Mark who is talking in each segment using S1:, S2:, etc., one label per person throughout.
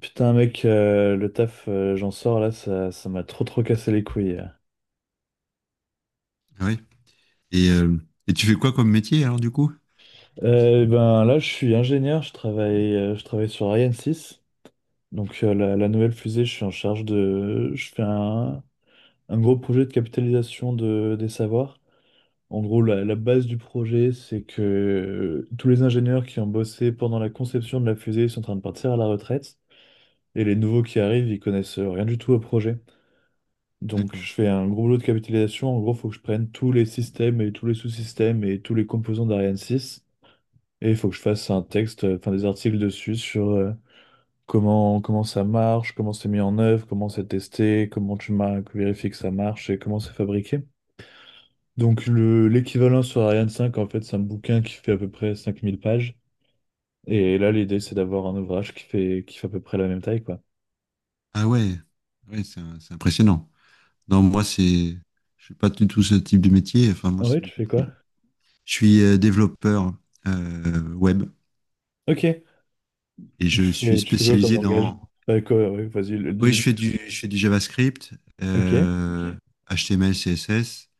S1: Putain, mec, le taf, j'en sors là, ça m'a trop cassé les couilles.
S2: Ah ouais. Et, euh, et tu fais quoi comme métier alors du coup? Pour.
S1: Et ben là, je suis ingénieur, je travaille sur Ariane 6. Donc la nouvelle fusée, je suis en charge de, je fais un gros projet de capitalisation de, des savoirs. En gros, la base du projet, c'est que tous les ingénieurs qui ont bossé pendant la conception de la fusée sont en train de partir à la retraite, et les nouveaux qui arrivent, ils connaissent rien du tout au projet. Donc,
S2: D'accord.
S1: je fais un gros boulot de capitalisation. En gros, il faut que je prenne tous les systèmes et tous les sous-systèmes et tous les composants d'Ariane 6. Et il faut que je fasse un texte, enfin des articles dessus sur comment, comment ça marche, comment c'est mis en œuvre, comment c'est testé, comment vérifies que ça marche et comment c'est fabriqué. Donc, l'équivalent sur Ariane 5 en fait, c'est un bouquin qui fait à peu près 5 000 pages. Et là, l'idée, c'est d'avoir un ouvrage qui fait à peu près la même taille, quoi.
S2: Ah ouais, ouais, c'est impressionnant. Non, je suis pas du tout ce type de métier. Enfin moi
S1: Ah ouais,
S2: c'est
S1: tu
S2: beaucoup
S1: fais
S2: plus.
S1: quoi?
S2: Je suis développeur web
S1: Ok.
S2: et je suis
S1: Tu fais quoi comme
S2: spécialisé
S1: langage?
S2: dans.
S1: Quoi, ouais, vas-y, le
S2: Oui, je
S1: dis.
S2: fais du, je fais du JavaScript,
S1: Ok.
S2: euh, ok. HTML, CSS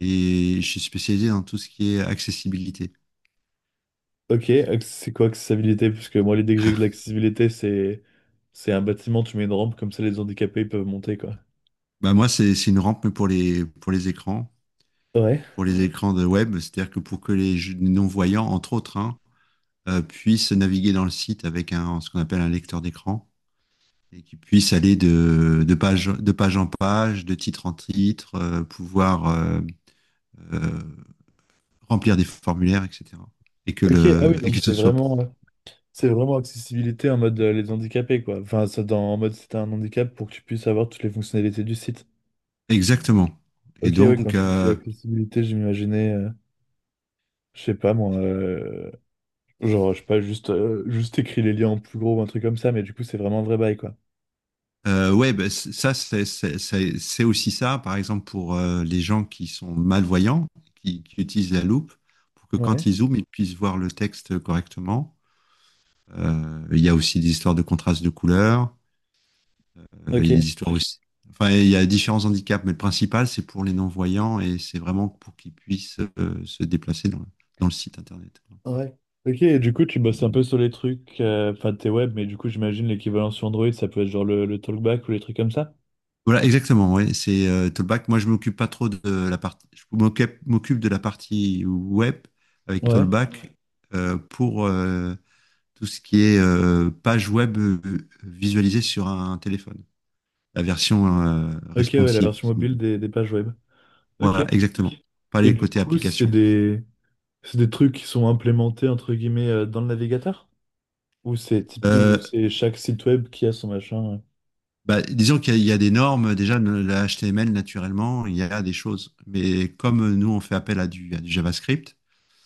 S2: et je suis spécialisé dans tout ce qui est accessibilité. C'est-
S1: C'est quoi accessibilité? Parce que moi, l'idée que j'ai de l'accessibilité, c'est un bâtiment, tu mets une rampe, comme ça les handicapés ils peuvent monter, quoi.
S2: Bah, moi c'est une rampe mais pour les écrans.
S1: Ouais.
S2: Pour les écrans de web, c'est-à-dire que pour que les non-voyants, entre autres, hein, puissent naviguer dans le site avec ce qu'on appelle un lecteur d'écran, et qu'ils puissent aller de page en page, de titre en titre, pouvoir euh, remplir des formulaires, etc. Et que,
S1: Ok, ah
S2: le,
S1: oui,
S2: et
S1: donc
S2: que ce soit
S1: c'est vraiment accessibilité en mode les handicapés, quoi. Enfin, ça, dans, en mode si t'as un handicap pour que tu puisses avoir toutes les fonctionnalités du site.
S2: exactement. Et
S1: Ok, oui, quand
S2: donc,
S1: tu dis accessibilité, je m'imaginais, je sais pas moi, genre, je sais pas, juste, juste écrit les liens en plus gros ou un truc comme ça, mais du coup, c'est vraiment un vrai bail, quoi.
S2: Ouais, bah, ça, c'est aussi ça, par exemple, pour les gens qui sont malvoyants, qui utilisent la loupe, pour que quand
S1: Ouais.
S2: ils zooment, ils puissent voir le texte correctement. Il y a aussi des histoires de contraste de couleurs, il y a
S1: Ok.
S2: des histoires aussi. Enfin, il y a différents handicaps, mais le principal, c'est pour les non-voyants, et c'est vraiment pour qu'ils puissent se déplacer dans le site internet.
S1: Ouais. Ok, et du coup, tu bosses un peu sur les trucs, enfin, t'es web, mais du coup, j'imagine l'équivalent sur Android, ça peut être genre le talkback ou les trucs comme ça.
S2: Voilà, exactement. Ouais. C'est Tollback. Moi, je m'occupe pas trop de la partie. Je m'occupe de la partie web avec, ouais,
S1: Ouais.
S2: Tollback, pour tout ce qui est page web visualisée sur un téléphone. La version
S1: Ok, ouais, la
S2: responsive.
S1: version mobile des pages web. Ok.
S2: Voilà, exactement. Ok. Pas
S1: Et
S2: les
S1: du
S2: côtés. Et du
S1: coup,
S2: application. Coup.
S1: c'est des trucs qui sont implémentés, entre guillemets, dans le navigateur?
S2: Euh,
S1: Ou c'est chaque site web qui a son machin?
S2: Bah, disons qu'il y a des normes. Déjà, le HTML, naturellement, il y a des choses. Mais comme nous, on fait appel à du JavaScript.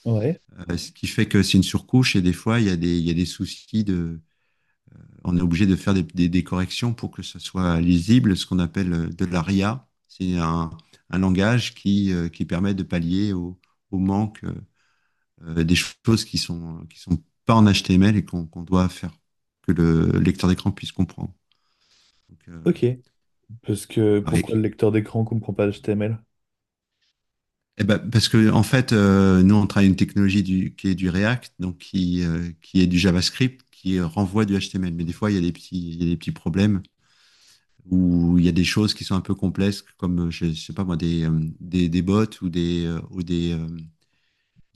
S1: Ouais.
S2: Ce qui fait que c'est une surcouche, et des fois, il y a des soucis de, on est obligé de faire des corrections pour que ça soit lisible, ce qu'on appelle de la RIA. C'est un langage qui permet de pallier au, au manque des choses qui sont pas en HTML et qu'on doit faire que le lecteur d'écran puisse comprendre. Donc,
S1: Ok. Parce que pourquoi le
S2: pareil.
S1: lecteur d'écran comprend pas HTML?
S2: Eh ben, parce que en fait, nous on travaille une technologie qui est du React, donc qui est du JavaScript, qui renvoie du HTML. Mais des fois, il y a des petits, il y a des petits problèmes où il y a des choses qui sont un peu complexes, comme, je sais pas moi, des bots ou des, euh, ou des, euh,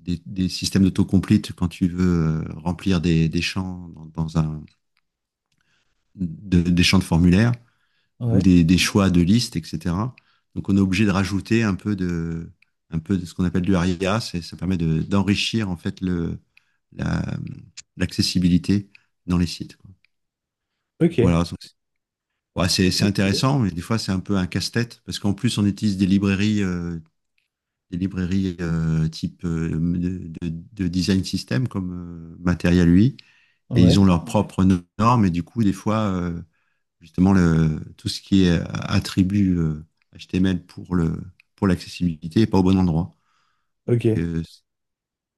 S2: des, des systèmes d'autocomplete quand tu veux remplir des champs dans des champs de formulaire ou
S1: Ouais.
S2: des choix de liste, etc. Donc, on est obligé de rajouter un peu de ce qu'on appelle du ARIA. Ça permet de, d'enrichir, en fait, la, l'accessibilité dans les sites, quoi. Donc, voilà.
S1: Ok.
S2: Donc, ouais, c'est
S1: Ok. Stylé.
S2: intéressant, mais des fois, c'est un peu un casse-tête parce qu'en plus, on utilise des librairies type design system comme Material UI, et ils
S1: Ouais.
S2: ont leurs propres normes, et du coup, des fois, justement, tout ce qui est attribut HTML pour l'accessibilité n'est pas au bon endroit. Donc,
S1: Ok.
S2: en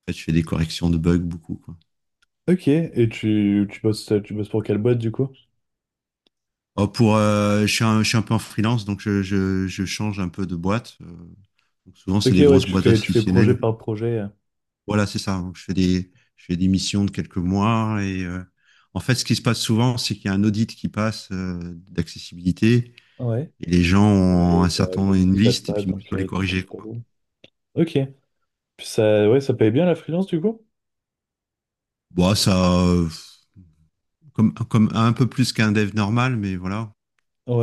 S2: fait, je fais des corrections de bugs beaucoup, quoi.
S1: Ok. Et tu, tu bosses pour quelle boîte, du coup?
S2: Oh, je suis un peu en freelance, donc je change un peu de boîte. Donc, souvent, c'est
S1: Ok,
S2: des
S1: ouais,
S2: grosses boîtes
S1: tu fais projet
S2: institutionnelles.
S1: par projet.
S2: Voilà, c'est ça, hein. Je fais des missions de quelques mois, et en fait, ce qui se passe souvent, c'est qu'il y a un audit qui passe d'accessibilité,
S1: Ouais.
S2: et les gens
S1: Ouais,
S2: ont
S1: et
S2: un
S1: ça le
S2: certain
S1: ne
S2: une
S1: se passe
S2: liste, et
S1: pas,
S2: puis moi
S1: donc
S2: je dois les
S1: t'es dans
S2: corriger,
S1: le
S2: quoi.
S1: tableau. Ok. Puis ça, ouais, ça paye bien la freelance du coup?
S2: Bon, ça, comme un peu plus qu'un dev normal, mais voilà.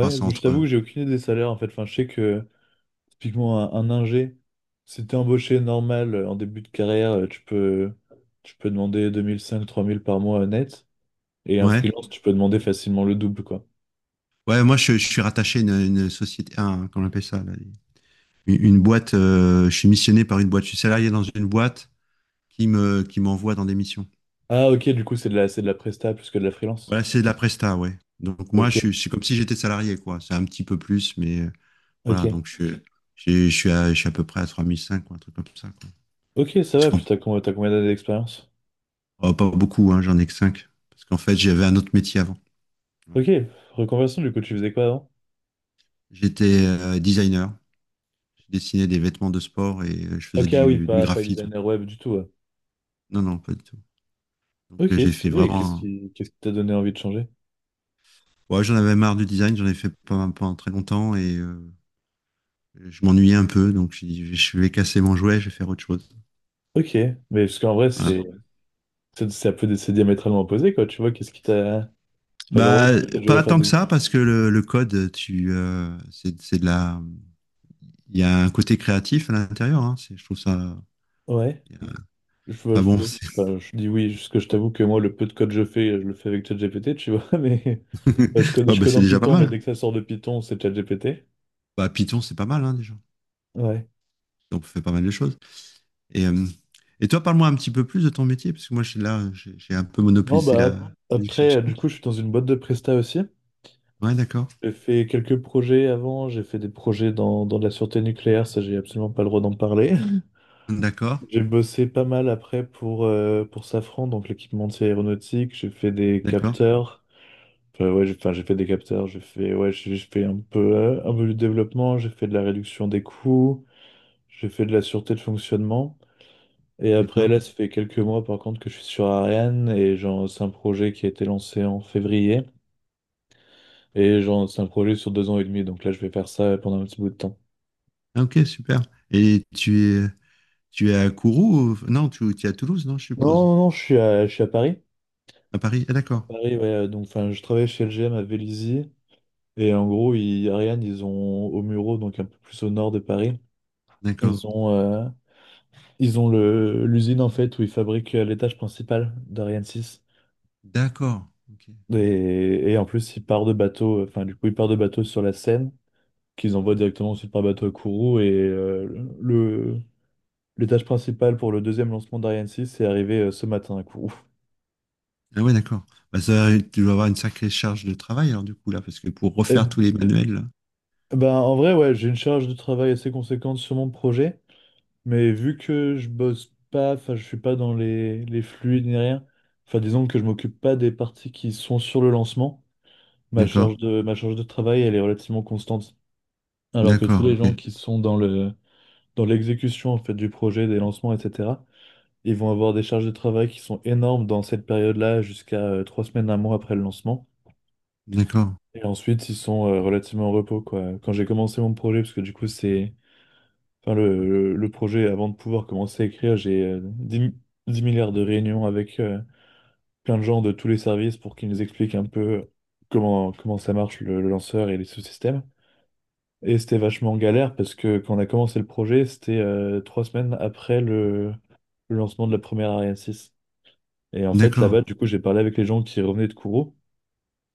S2: Enfin, c'est
S1: je t'avoue que
S2: entre
S1: j'ai aucune idée des salaires en fait. Enfin, je sais que typiquement un ingé, si t'es embauché normal en début de carrière, tu peux demander deux mille cinq 3 000 par mois net. Et un
S2: ouais.
S1: freelance, tu peux demander facilement le double, quoi.
S2: Ouais, moi je suis rattaché à une société, comment on appelle ça là, une boîte. Je suis missionné par une boîte. Je suis salarié dans une boîte qui me qui m'envoie dans des missions.
S1: Ah ok, du coup c'est de la presta plus que de la freelance.
S2: Voilà, c'est de la presta, ouais. Donc moi,
S1: Ok,
S2: c'est comme si j'étais salarié, quoi. C'est un petit peu plus, mais voilà,
S1: ok.
S2: donc je suis à peu près à 3005, quoi, un truc comme ça, quoi.
S1: Ok, ça
S2: Parce
S1: va,
S2: qu'on,
S1: putain, t'as combien d'années d'expérience?
S2: oh, pas beaucoup, hein, j'en ai que 5. Parce qu'en fait, j'avais un autre métier avant. Voilà.
S1: Ok, reconversion, du coup, tu faisais quoi avant?
S2: J'étais designer. Je dessinais des vêtements de sport et je faisais
S1: Ok, ah oui,
S2: du
S1: pas, pas une
S2: graphisme.
S1: dernière web du tout. Ouais.
S2: Non, non, pas du tout. Donc,
S1: Ok,
S2: j'ai fait
S1: stylé, et
S2: vraiment.
S1: qu'est-ce qui t'a donné envie de changer?
S2: Ouais, j'en avais marre du design, j'en ai fait pendant très longtemps, et je m'ennuyais un peu, donc j'ai dit, je vais casser mon jouet, je vais faire autre chose.
S1: Ok, mais parce qu'en vrai,
S2: Voilà.
S1: c'est c'est diamétralement opposé, quoi, tu vois, qu'est-ce qui t'a… Enfin, genre, ouais,
S2: Bah,
S1: du coup, t'as dû
S2: pas
S1: refaire
S2: tant que
S1: des…
S2: ça, parce que le code, c'est de il y a un côté créatif à l'intérieur, hein. Je trouve ça.
S1: Ouais,
S2: il y a-
S1: je, vois-
S2: Enfin
S1: je,
S2: bon,
S1: vois-
S2: c'est.
S1: enfin, je dis oui, parce que je t'avoue que moi, le peu de code que je fais, je le fais avec ChatGPT, tu vois, mais… enfin,
S2: Ouais,
S1: je
S2: bah,
S1: code
S2: c'est
S1: en
S2: déjà pas
S1: Python, mais
S2: mal.
S1: dès que ça sort de Python, c'est ChatGPT.
S2: Bah, Python, c'est pas mal, hein, déjà.
S1: Ouais.
S2: On fait pas mal de choses. Et, euh, et toi, parle-moi un petit peu plus de ton métier, parce que moi, je suis là, j'ai un peu
S1: Non,
S2: monopolisé
S1: bah, ap-
S2: la
S1: après,
S2: discussion.
S1: du coup, je suis dans une boîte de presta aussi.
S2: Ouais, d'accord,
S1: J'ai fait quelques projets avant, j'ai fait des projets dans, dans de la sûreté nucléaire, ça j'ai absolument pas le droit d'en parler.
S2: d'accord,
S1: J'ai bossé pas mal après pour Safran, donc l'équipementier aéronautique, j'ai fait des
S2: d'accord,
S1: capteurs, enfin ouais, j'ai enfin, j'ai fait des capteurs, j'ai fait, ouais, j'ai fait un peu du développement, j'ai fait de la réduction des coûts, j'ai fait de la sûreté de fonctionnement. Et après
S2: d'accord.
S1: là, ça fait quelques mois par contre que je suis sur Ariane et genre, c'est un projet qui a été lancé en février et genre, c'est un projet sur deux ans et demi, donc là je vais faire ça pendant un petit bout de temps.
S2: Ah, ok, super. Et tu es à Kourou? Non, tu es à Toulouse, non, je
S1: Non,
S2: suppose.
S1: non, non, je suis à, je suis à Paris.
S2: À Paris. Ah,
S1: À
S2: d'accord,
S1: Paris, ouais, donc enfin, je travaille chez LGM à Vélizy. Et en gros, ils, Ariane, ils ont au Muro, donc un peu plus au nord de Paris,
S2: d'accord.
S1: ils ont, l'usine en fait où ils fabriquent l'étage principal d'Ariane 6.
S2: D'accord. Ok.
S1: Et en plus, ils partent de bateau, enfin, du coup, ils partent de bateau sur la Seine, qu'ils envoient directement ensuite par bateau à Kourou. Et le, l'étage principal pour le deuxième lancement d'Ariane 6 est arrivé ce matin à Kourou.
S2: Ah ouais, d'accord. Bah, ça, tu dois avoir une sacrée charge de travail, alors, du coup, là, parce que pour
S1: Et,
S2: refaire tous les manuels, là.
S1: ben, en vrai, ouais, j'ai une charge de travail assez conséquente sur mon projet. Mais vu que je bosse pas, enfin je suis pas dans les fluides ni rien, enfin disons que je m'occupe pas des parties qui sont sur le lancement,
S2: D'accord.
S1: ma charge de travail elle est relativement constante. Alors que tous
S2: D'accord.
S1: les
S2: Ok.
S1: gens qui sont dans dans l'exécution en fait du projet, des lancements, etc., ils vont avoir des charges de travail qui sont énormes dans cette période-là jusqu'à trois semaines, un mois après le lancement.
S2: D'accord.
S1: Et ensuite ils sont relativement en repos quoi. Quand j'ai commencé mon projet, parce que du coup c'est enfin, le projet, avant de pouvoir commencer à écrire, j'ai dix milliards de réunions avec plein de gens de tous les services pour qu'ils nous expliquent un peu comment, comment ça marche le lanceur et les sous-systèmes. Et c'était vachement galère parce que quand on a commencé le projet, c'était trois semaines après le lancement de la première Ariane 6. Et en fait, là-bas,
S2: D'accord.
S1: du coup, j'ai parlé avec les gens qui revenaient de Kourou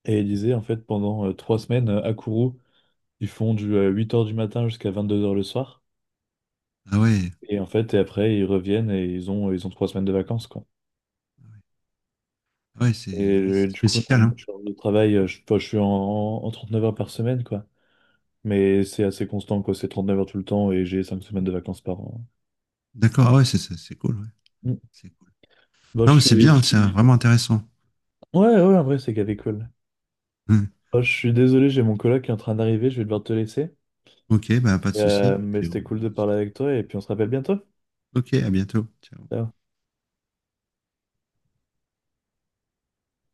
S1: et ils disaient, en fait, pendant trois semaines à Kourou, ils font du 8 heures du matin jusqu'à 22 heures le soir.
S2: Ah ouais.
S1: Et en fait, et après, ils reviennent et ils ont trois semaines de vacances, quoi.
S2: Ah
S1: Et
S2: ouais, c'est
S1: du coup,
S2: spécial,
S1: non,
S2: hein.
S1: genre, le travail, enfin, je suis en, en 39 heures par semaine, quoi. Mais c'est assez constant, quoi. C'est 39 heures tout le temps et j'ai 5 semaines de vacances par an.
S2: D'accord. Ah ouais, c'est cool, ouais.
S1: Mm.
S2: C'est cool.
S1: Bon, je
S2: Non, mais c'est bien,
S1: suis…
S2: c'est vraiment intéressant.
S1: Ouais, ouais, en vrai, c'est gavé cool.
S2: Hum.
S1: Bon, je suis désolé, j'ai mon coloc qui est en train d'arriver, je vais devoir te laisser.
S2: Ok, bah, pas de souci.
S1: Mais
S2: Puis
S1: c'était cool
S2: on en
S1: de parler
S2: discutera.
S1: avec toi et puis on se rappelle bientôt.
S2: Ok, à bientôt. Ciao.
S1: Ciao.